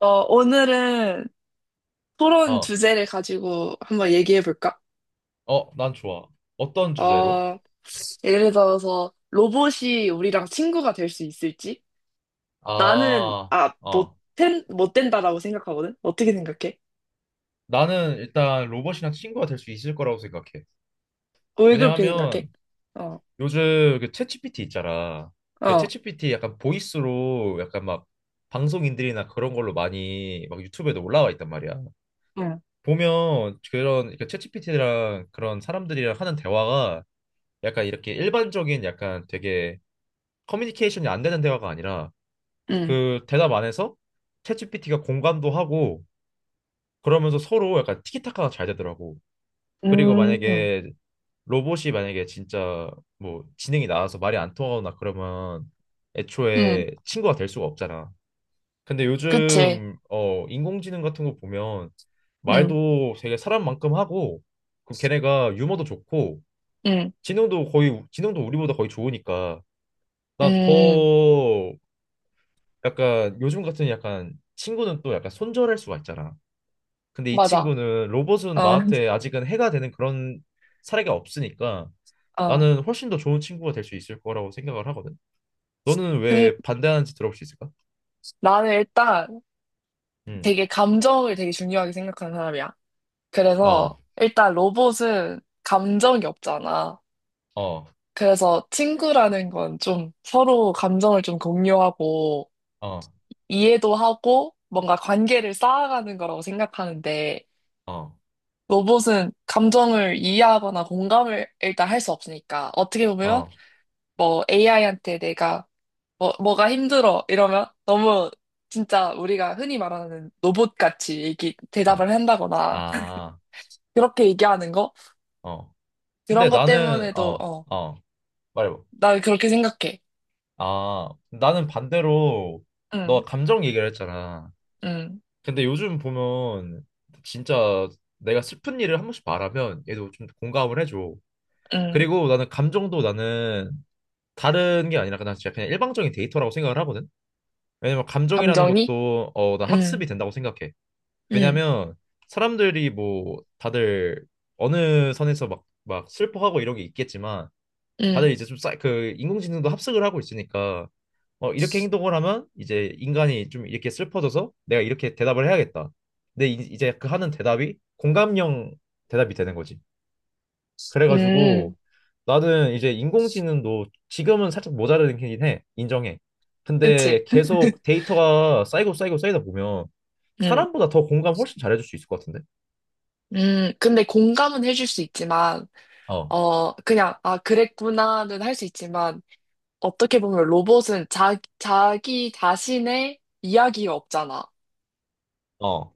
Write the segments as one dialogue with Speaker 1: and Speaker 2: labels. Speaker 1: 오늘은 토론
Speaker 2: 어,
Speaker 1: 주제를 가지고 한번 얘기해 볼까?
Speaker 2: 어, 난 좋아. 어떤 주제로?
Speaker 1: 어, 예를 들어서 로봇이 우리랑 친구가 될 수 있을지? 나는,
Speaker 2: 아,
Speaker 1: 아, 못,
Speaker 2: 어.
Speaker 1: 된, 못 된다라고 생각하거든? 어떻게 생각해?
Speaker 2: 나는 일단 로봇이랑 친구가 될 수 있을 거라고 생각해.
Speaker 1: 왜 그렇게 생각해?
Speaker 2: 왜냐하면
Speaker 1: 어,
Speaker 2: 요즘 그 챗GPT 있잖아. 그
Speaker 1: 어,
Speaker 2: 챗GPT 약간 보이스로 약간 막 방송인들이나 그런 걸로 많이 막 유튜브에도 올라와 있단 말이야.
Speaker 1: 응,
Speaker 2: 보면 그런 그 챗GPT랑 그런 사람들이랑 하는 대화가 약간 이렇게 일반적인 약간 되게 커뮤니케이션이 안 되는 대화가 아니라
Speaker 1: 응,
Speaker 2: 그 대답 안에서 챗GPT가 공감도 하고 그러면서 서로 약간 티키타카가 잘 되더라고. 그리고
Speaker 1: 음,
Speaker 2: 만약에 로봇이 만약에 진짜 뭐 지능이 나와서 말이 안 통하거나 그러면
Speaker 1: 응,
Speaker 2: 애초에 친구가 될 수가 없잖아. 근데
Speaker 1: 그치,
Speaker 2: 요즘 어 인공지능 같은 거 보면
Speaker 1: 응,
Speaker 2: 말도 되게 사람만큼 하고 그 걔네가 유머도 좋고
Speaker 1: 응,
Speaker 2: 지능도 거의 지능도 우리보다 거의 좋으니까 난
Speaker 1: 응,
Speaker 2: 더 약간 요즘 같은 약간 친구는 또 약간 손절할 수가 있잖아. 근데 이
Speaker 1: 맞아.
Speaker 2: 친구는
Speaker 1: 어,
Speaker 2: 로봇은 나한테 아직은 해가 되는 그런 사례가 없으니까
Speaker 1: 어.
Speaker 2: 나는 훨씬 더 좋은 친구가 될 수 있을 거라고 생각을 하거든. 너는
Speaker 1: 근
Speaker 2: 왜 반대하는지 들어볼 수 있을까?
Speaker 1: 나는 일단
Speaker 2: 응.
Speaker 1: 되게 감정을 되게 중요하게 생각하는 사람이야.
Speaker 2: 어,
Speaker 1: 그래서 일단 로봇은 감정이 없잖아.
Speaker 2: 어,
Speaker 1: 그래서 친구라는 건 좀 서로 감정을 좀 공유하고
Speaker 2: 어,
Speaker 1: 이해도 하고 뭔가 관계를 쌓아가는 거라고 생각하는데,
Speaker 2: 어,
Speaker 1: 로봇은 감정을 이해하거나 공감을 일단 할 수 없으니까. 어떻게 보면
Speaker 2: 어,
Speaker 1: 뭐 AI한테 내가 뭐가 힘들어 이러면 너무, 진짜 우리가 흔히 말하는 로봇같이
Speaker 2: 아,
Speaker 1: 대답을 한다거나
Speaker 2: 아,
Speaker 1: 그렇게 얘기하는 거?
Speaker 2: 어. 근데
Speaker 1: 그런 것
Speaker 2: 나는
Speaker 1: 때문에도.
Speaker 2: 말해봐.
Speaker 1: 나 그렇게 생각해.
Speaker 2: 아, 나는 반대로
Speaker 1: 응,
Speaker 2: 너 감정 얘기를 했잖아.
Speaker 1: 응,
Speaker 2: 근데 요즘 보면 진짜 내가 슬픈 일을 한 번씩 말하면 얘도 좀 공감을 해줘.
Speaker 1: 응.
Speaker 2: 그리고 나는 감정도 나는 다른 게 아니라 그냥 진짜 그냥 일방적인 데이터라고 생각을 하거든. 왜냐면 감정이라는
Speaker 1: 감정이?
Speaker 2: 것도 어, 나
Speaker 1: 응,
Speaker 2: 학습이 된다고 생각해.
Speaker 1: 응,
Speaker 2: 왜냐면 사람들이 뭐 다들 어느 선에서 막, 막 슬퍼하고 이런 게 있겠지만
Speaker 1: 응,
Speaker 2: 다들 이제 좀 그 인공지능도 합숙을 하고 있으니까 어, 이렇게 행동을 하면 이제 인간이 좀 이렇게 슬퍼져서 내가 이렇게 대답을 해야겠다. 근데 이제 그 하는 대답이 공감형 대답이 되는 거지.
Speaker 1: 응.
Speaker 2: 그래가지고 나는 이제 인공지능도 지금은 살짝 모자라긴 해. 인정해.
Speaker 1: 그치?
Speaker 2: 근데 계속 데이터가 쌓이고 쌓이고 쌓이다 보면
Speaker 1: 응,
Speaker 2: 사람보다 더 공감 훨씬 잘해줄 수 있을 것 같은데?
Speaker 1: 응. 근데 공감은 해줄 수 있지만,
Speaker 2: 어,
Speaker 1: 그냥, 아, 그랬구나는 할 수 있지만, 어떻게 보면 로봇은 자기 자신의 이야기가 없잖아.
Speaker 2: 어,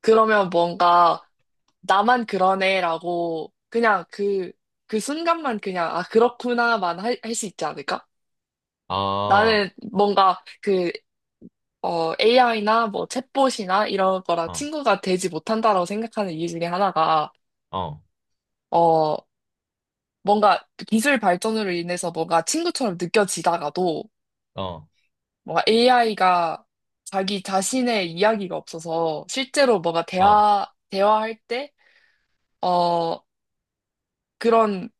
Speaker 1: 그러면 뭔가, 나만 그러네라고, 그냥 그 순간만 그냥, 아, 그렇구나만 할 수 있지 않을까?
Speaker 2: 아,
Speaker 1: 나는 뭔가, AI나 뭐 챗봇이나 이런 거랑
Speaker 2: 어,
Speaker 1: 친구가 되지 못한다라고 생각하는 이유 중에 하나가,
Speaker 2: 어,
Speaker 1: 어, 뭔가 기술 발전으로 인해서 뭔가 친구처럼 느껴지다가도,
Speaker 2: 어,
Speaker 1: 뭔가 AI가 자기 자신의 이야기가 없어서 실제로 뭔가
Speaker 2: 어, 어,
Speaker 1: 대화할 때, 어, 그런,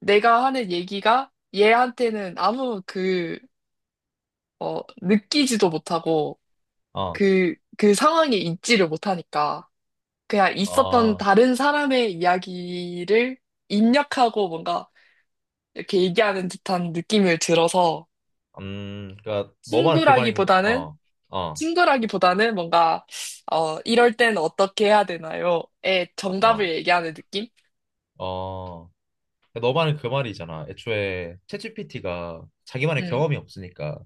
Speaker 1: 내가 하는 얘기가 얘한테는 아무 느끼지도 못하고
Speaker 2: 어,
Speaker 1: 그 상황에 있지를 못하니까. 그냥 있었던
Speaker 2: 어,
Speaker 1: 다른 사람의 이야기를 입력하고 뭔가 이렇게 얘기하는 듯한 느낌을 들어서.
Speaker 2: 그러니까 너만 그 말인,
Speaker 1: 친구라기보다는
Speaker 2: 어, 어,
Speaker 1: 친구라기보다는 뭔가 이럴 땐 어떻게 해야 되나요? 의
Speaker 2: 어,
Speaker 1: 정답을 얘기하는 느낌?
Speaker 2: 어. 그러니까 너 말은 그 말이잖아. 애초에 챗GPT가 자기만의
Speaker 1: 음,
Speaker 2: 경험이 없으니까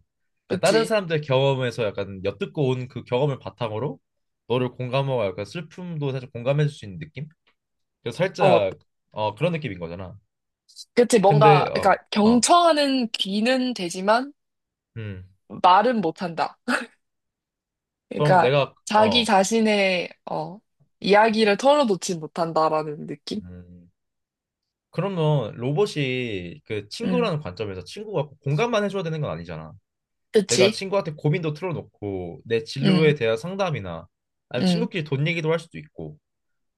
Speaker 2: 그냥 다른
Speaker 1: 그치.
Speaker 2: 사람들의 경험에서 약간 엿듣고 온 그 경험을 바탕으로 너를 공감하고 약간 슬픔도 사실 공감해줄 수 있는 느낌? 그래서
Speaker 1: 어,
Speaker 2: 살짝 어 그런 느낌인 거잖아.
Speaker 1: 그치. 뭔가
Speaker 2: 근데 어
Speaker 1: 그러니까
Speaker 2: 어,
Speaker 1: 경청하는 귀는 되지만
Speaker 2: 음.
Speaker 1: 말은 못한다.
Speaker 2: 그럼
Speaker 1: 그러니까
Speaker 2: 내가
Speaker 1: 자기
Speaker 2: 어
Speaker 1: 자신의 이야기를 털어놓지 못한다라는 느낌?
Speaker 2: 음. 그러면 로봇이 그
Speaker 1: 음,
Speaker 2: 친구라는 관점에서 친구가 꼭 공감만 해줘야 되는 건 아니잖아. 내가
Speaker 1: 그치.
Speaker 2: 친구한테 고민도 틀어놓고 내
Speaker 1: 음.
Speaker 2: 진로에 대한 상담이나 아니면
Speaker 1: 음.
Speaker 2: 친구끼리 돈 얘기도 할 수도 있고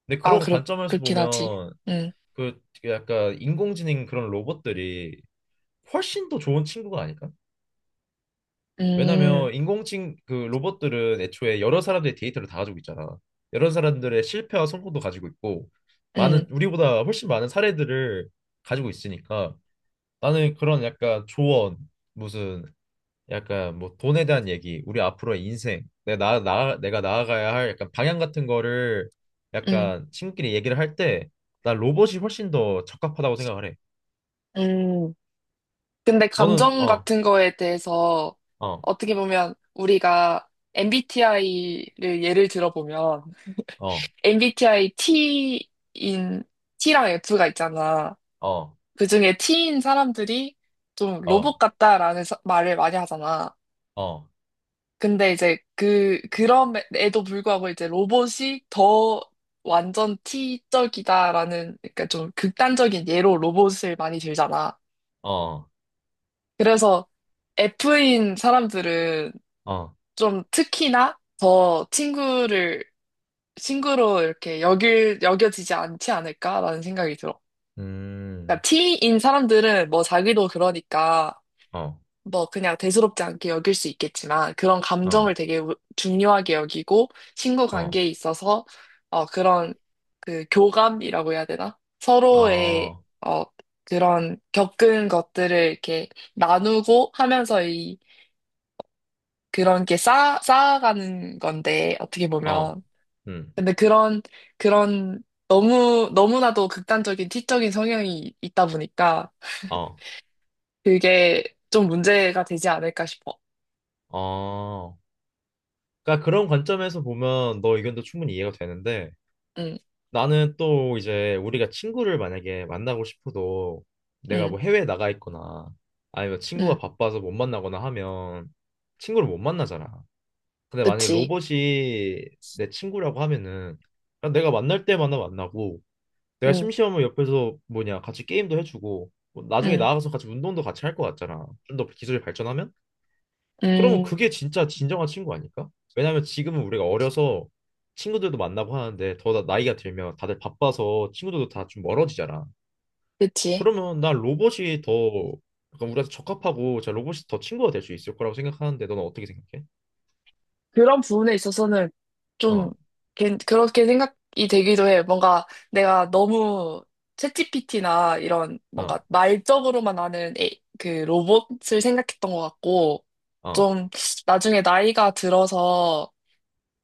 Speaker 2: 근데
Speaker 1: 아,
Speaker 2: 그런 관점에서
Speaker 1: 그렇긴 하지.
Speaker 2: 보면
Speaker 1: 응,
Speaker 2: 그 약간 인공지능 그런 로봇들이 훨씬 더 좋은 친구가 아닐까?
Speaker 1: 음,
Speaker 2: 왜냐면 인공지능 그 로봇들은 애초에 여러 사람들의 데이터를 다 가지고 있잖아. 여러 사람들의 실패와 성공도 가지고 있고 많은
Speaker 1: 응,
Speaker 2: 우리보다 훨씬 많은 사례들을 가지고 있으니까 나는 그런 약간 조언 무슨 약간 뭐 돈에 대한 얘기, 우리 앞으로의 인생, 내가 나, 나 내가 나아가야 할 약간 방향 같은 거를
Speaker 1: 응,
Speaker 2: 약간 친구끼리 얘기를 할 때 나 로봇이 훨씬 더 적합하다고 생각을 해.
Speaker 1: 응. 근데
Speaker 2: 너는
Speaker 1: 감정
Speaker 2: 어,
Speaker 1: 같은 거에 대해서
Speaker 2: 어,
Speaker 1: 어떻게 보면 우리가 MBTI를 예를 들어보면
Speaker 2: 어,
Speaker 1: MBTI T랑 F가 있잖아.
Speaker 2: 어,
Speaker 1: 그중에 T인 사람들이 좀
Speaker 2: 어,
Speaker 1: 로봇 같다라는 말을 많이 하잖아.
Speaker 2: 어,
Speaker 1: 근데 이제 그럼에도 불구하고 이제 로봇이 더 완전 T적이다라는, 그러니까 좀 극단적인 예로 로봇을 많이 들잖아.
Speaker 2: 어,
Speaker 1: 그래서 F인 사람들은
Speaker 2: 어,
Speaker 1: 좀 특히나 더 친구로 이렇게 여겨지지 않지 않을까라는 생각이 들어. 그러니까
Speaker 2: 음,
Speaker 1: T인 사람들은 뭐 자기도 그러니까
Speaker 2: 어,
Speaker 1: 뭐 그냥 대수롭지 않게 여길 수 있겠지만, 그런
Speaker 2: 어,
Speaker 1: 감정을 되게 중요하게 여기고 친구
Speaker 2: 어,
Speaker 1: 관계에 있어서 그런 교감이라고 해야 되나? 서로의
Speaker 2: 어,
Speaker 1: 어 그런 겪은 것들을 이렇게 나누고 하면서 이 그런 게 쌓아가는 건데, 어떻게
Speaker 2: 어,
Speaker 1: 보면,
Speaker 2: 음,
Speaker 1: 근데 그런, 그런 너무 너무나도 극단적인 티적인 성향이 있다 보니까
Speaker 2: 어,
Speaker 1: 그게 좀 문제가 되지 않을까 싶어.
Speaker 2: 어. 그러니까 그런 관점에서 보면 너 의견도 충분히 이해가 되는데
Speaker 1: 응,
Speaker 2: 나는 또 이제 우리가 친구를 만약에 만나고 싶어도 내가
Speaker 1: 응,
Speaker 2: 뭐 해외에 나가 있거나 아니면 친구가
Speaker 1: 응.
Speaker 2: 바빠서 못 만나거나 하면 친구를 못 만나잖아. 근데 만약에
Speaker 1: 그치.
Speaker 2: 로봇이 내 친구라고 하면은 그냥 내가 만날 때마다 만나고 내가
Speaker 1: 응,
Speaker 2: 심심하면 옆에서 뭐냐 같이 게임도 해주고 뭐 나중에
Speaker 1: 응,
Speaker 2: 나아가서 같이 운동도 같이 할 것 같잖아. 좀 더 기술이 발전하면? 그러면
Speaker 1: 음,
Speaker 2: 그게 진짜 진정한 친구 아닐까? 왜냐면 지금은 우리가 어려서 친구들도 만나고 하는데 더 나이가 들면 다들 바빠서 친구들도 다 좀 멀어지잖아.
Speaker 1: 그치.
Speaker 2: 그러면 난 로봇이 더 약간 우리한테 적합하고 자 로봇이 더 친구가 될 수 있을 거라고 생각하는데 너는 어떻게 생각해?
Speaker 1: 그런 부분에 있어서는 좀,
Speaker 2: 어,
Speaker 1: 그렇게 생각이 되기도 해. 뭔가 내가 너무 챗GPT나 이런
Speaker 2: 어,
Speaker 1: 뭔가 말적으로만 아는 그 로봇을 생각했던 것 같고,
Speaker 2: 어,
Speaker 1: 좀 나중에 나이가 들어서,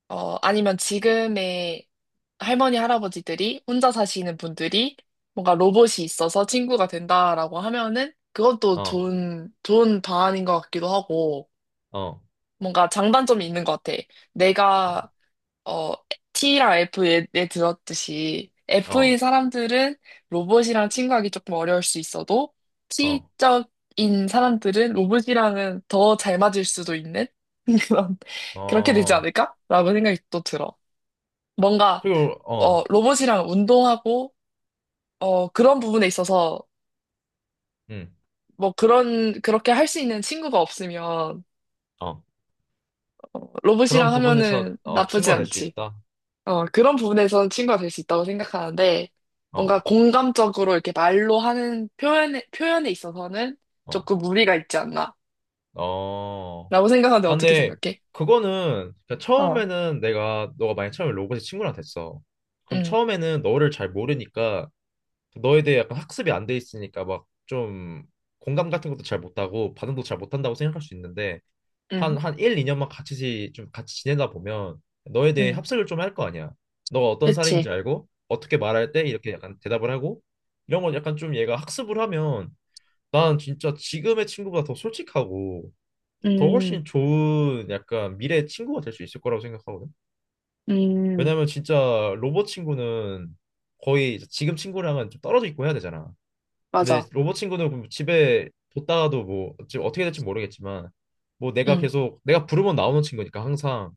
Speaker 1: 아니면 지금의 할머니, 할아버지들이 혼자 사시는 분들이 뭔가 로봇이 있어서 친구가 된다라고 하면은, 그건 또
Speaker 2: 어,
Speaker 1: 좋은 방안인 것 같기도 하고.
Speaker 2: 어,
Speaker 1: 뭔가 장단점이 있는 것 같아. 내가, 어, T랑 F에 들었듯이
Speaker 2: 어,
Speaker 1: F인 사람들은 로봇이랑 친구하기 조금 어려울 수 있어도,
Speaker 2: 어,
Speaker 1: T적인 사람들은 로봇이랑은 더 잘 맞을 수도 있는, 그런, 그렇게 되지
Speaker 2: 어.
Speaker 1: 않을까라고 생각이 또 들어. 뭔가
Speaker 2: 그리고 어,
Speaker 1: 로봇이랑 운동하고, 그런 부분에 있어서,
Speaker 2: 음,
Speaker 1: 뭐 그렇게 할 수 있는 친구가 없으면,
Speaker 2: 어. 그런
Speaker 1: 로봇이랑
Speaker 2: 부분에서
Speaker 1: 하면은
Speaker 2: 어,
Speaker 1: 나쁘지
Speaker 2: 친구가 될 수
Speaker 1: 않지.
Speaker 2: 있다.
Speaker 1: 그런 부분에서는 친구가 될 수 있다고 생각하는데,
Speaker 2: 어,
Speaker 1: 뭔가 공감적으로 이렇게 말로 하는 표현에 있어서는
Speaker 2: 어,
Speaker 1: 조금 무리가 있지 않나,
Speaker 2: 어.
Speaker 1: 라고 생각하는데
Speaker 2: 아,
Speaker 1: 어떻게
Speaker 2: 근데
Speaker 1: 생각해?
Speaker 2: 그거는 그
Speaker 1: 어,
Speaker 2: 처음에는 내가 너가 만약 처음에 로봇의 친구랑 됐어. 그럼
Speaker 1: 응,
Speaker 2: 처음에는 너를 잘 모르니까 너에 대해 약간 학습이 안 돼 있으니까 막 좀 공감 같은 것도 잘 못하고 반응도 잘 못한다고 생각할 수 있는데 한,
Speaker 1: 응,
Speaker 2: 한 1, 2년만 같이 좀 같이 지내다 보면 너에 대해
Speaker 1: 응,
Speaker 2: 합습을 좀 할 거 아니야. 너가 어떤 사람인지
Speaker 1: 그치.
Speaker 2: 알고 어떻게 말할 때 이렇게 약간 대답을 하고 이런 건 약간 좀 얘가 학습을 하면 난 진짜 지금의 친구보다 더 솔직하고 더
Speaker 1: 음,
Speaker 2: 훨씬 좋은 약간 미래의 친구가 될 수 있을 거라고 생각하거든.
Speaker 1: 음,
Speaker 2: 왜냐면 진짜 로봇 친구는 거의 이제 지금 친구랑은 좀 떨어져 있고 해야 되잖아. 근데
Speaker 1: 맞아.
Speaker 2: 로봇 친구는 그럼 집에 뒀다가도 뭐 지금 어떻게 될지 모르겠지만 뭐 내가
Speaker 1: 응,
Speaker 2: 계속 내가 부르면 나오는 친구니까 항상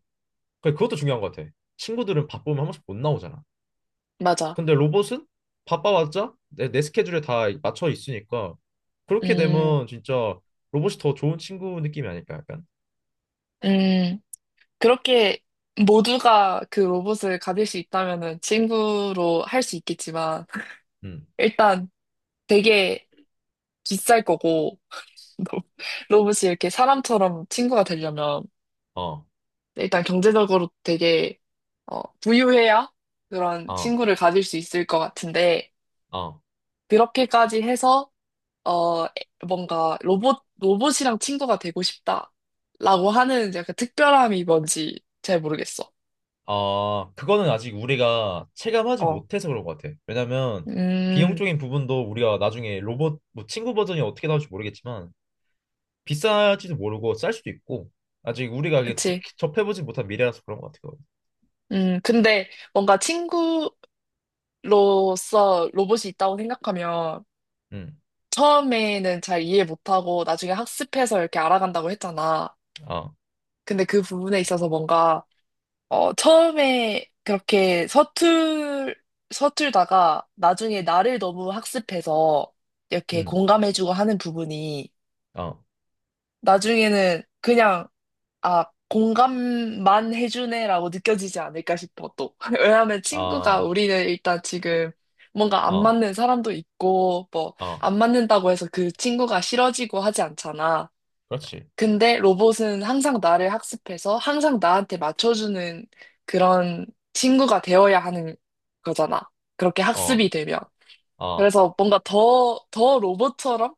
Speaker 2: 그 그것도 중요한 것 같아. 친구들은 바쁘면 한 번씩 못 나오잖아.
Speaker 1: 맞아.
Speaker 2: 근데 로봇은 바빠봤자 내 스케줄에 다 맞춰 있으니까 그렇게
Speaker 1: 음,
Speaker 2: 되면 진짜 로봇이 더 좋은 친구 느낌이 아닐까 약간.
Speaker 1: 음. 그렇게 모두가 그 로봇을 가질 수 있다면은 친구로 할 수 있겠지만,
Speaker 2: 음.
Speaker 1: 일단 되게 비쌀 거고, 로- 로봇이 이렇게 사람처럼 친구가 되려면,
Speaker 2: 어.
Speaker 1: 일단 경제적으로 되게, 부유해야 그런
Speaker 2: 어.
Speaker 1: 친구를 가질 수 있을 것 같은데,
Speaker 2: 어.
Speaker 1: 그렇게까지 해서, 어, 뭔가 로봇이랑 친구가 되고 싶다, 라고 하는 약간 특별함이 뭔지 잘 모르겠어.
Speaker 2: 아, 그거는 아직 우리가 체감하지
Speaker 1: 어.
Speaker 2: 못해서 그런 것 같아. 왜냐면
Speaker 1: 음,
Speaker 2: 비용적인 부분도 우리가 나중에 로봇 뭐 친구 버전이 어떻게 나올지 모르겠지만 비쌀지도 모르고 쌀 수도 있고 아직 우리가 이게 접,
Speaker 1: 그치.
Speaker 2: 접해보지 못한 미래라서 그런 것 같아.
Speaker 1: 근데 뭔가 친구로서 로봇이 있다고 생각하면,
Speaker 2: 응,
Speaker 1: 처음에는 잘 이해 못하고 나중에 학습해서 이렇게 알아간다고 했잖아.
Speaker 2: 아,
Speaker 1: 근데 그 부분에 있어서 뭔가, 처음에 그렇게 서툴다가 나중에 나를 너무 학습해서 이렇게
Speaker 2: 응,
Speaker 1: 공감해주고 하는 부분이
Speaker 2: 아,
Speaker 1: 나중에는 그냥, 아, 공감만 해주네라고 느껴지지 않을까 싶어, 또. 왜냐하면 친구가,
Speaker 2: 아,
Speaker 1: 우리는 일단 지금 뭔가 안
Speaker 2: 아,
Speaker 1: 맞는 사람도 있고, 뭐,
Speaker 2: 아,
Speaker 1: 안 맞는다고 해서 그 친구가 싫어지고 하지 않잖아.
Speaker 2: 그렇지.
Speaker 1: 근데 로봇은 항상 나를 학습해서 항상 나한테 맞춰주는 그런 친구가 되어야 하는 거잖아, 그렇게
Speaker 2: 어,
Speaker 1: 학습이 되면.
Speaker 2: 아,
Speaker 1: 그래서 뭔가 더 로봇처럼,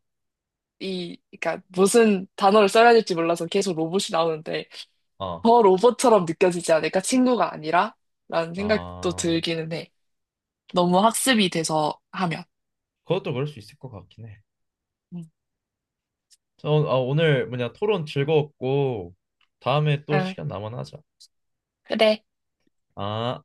Speaker 1: 이, 그러니까 무슨 단어를 써야 될지 몰라서 계속 로봇이 나오는데,
Speaker 2: 아,
Speaker 1: 더 로봇처럼 느껴지지 않을까? 친구가 아니라? 라는 생각도
Speaker 2: 아,
Speaker 1: 들기는 해. 너무 학습이 돼서 하면.
Speaker 2: 그것도 그럴 수 있을 것 같긴 해.
Speaker 1: 응,
Speaker 2: 저, 아, 오늘 뭐냐 토론 즐거웠고 다음에 또
Speaker 1: 응,
Speaker 2: 시간 남으면 하자.
Speaker 1: 그래.
Speaker 2: 아.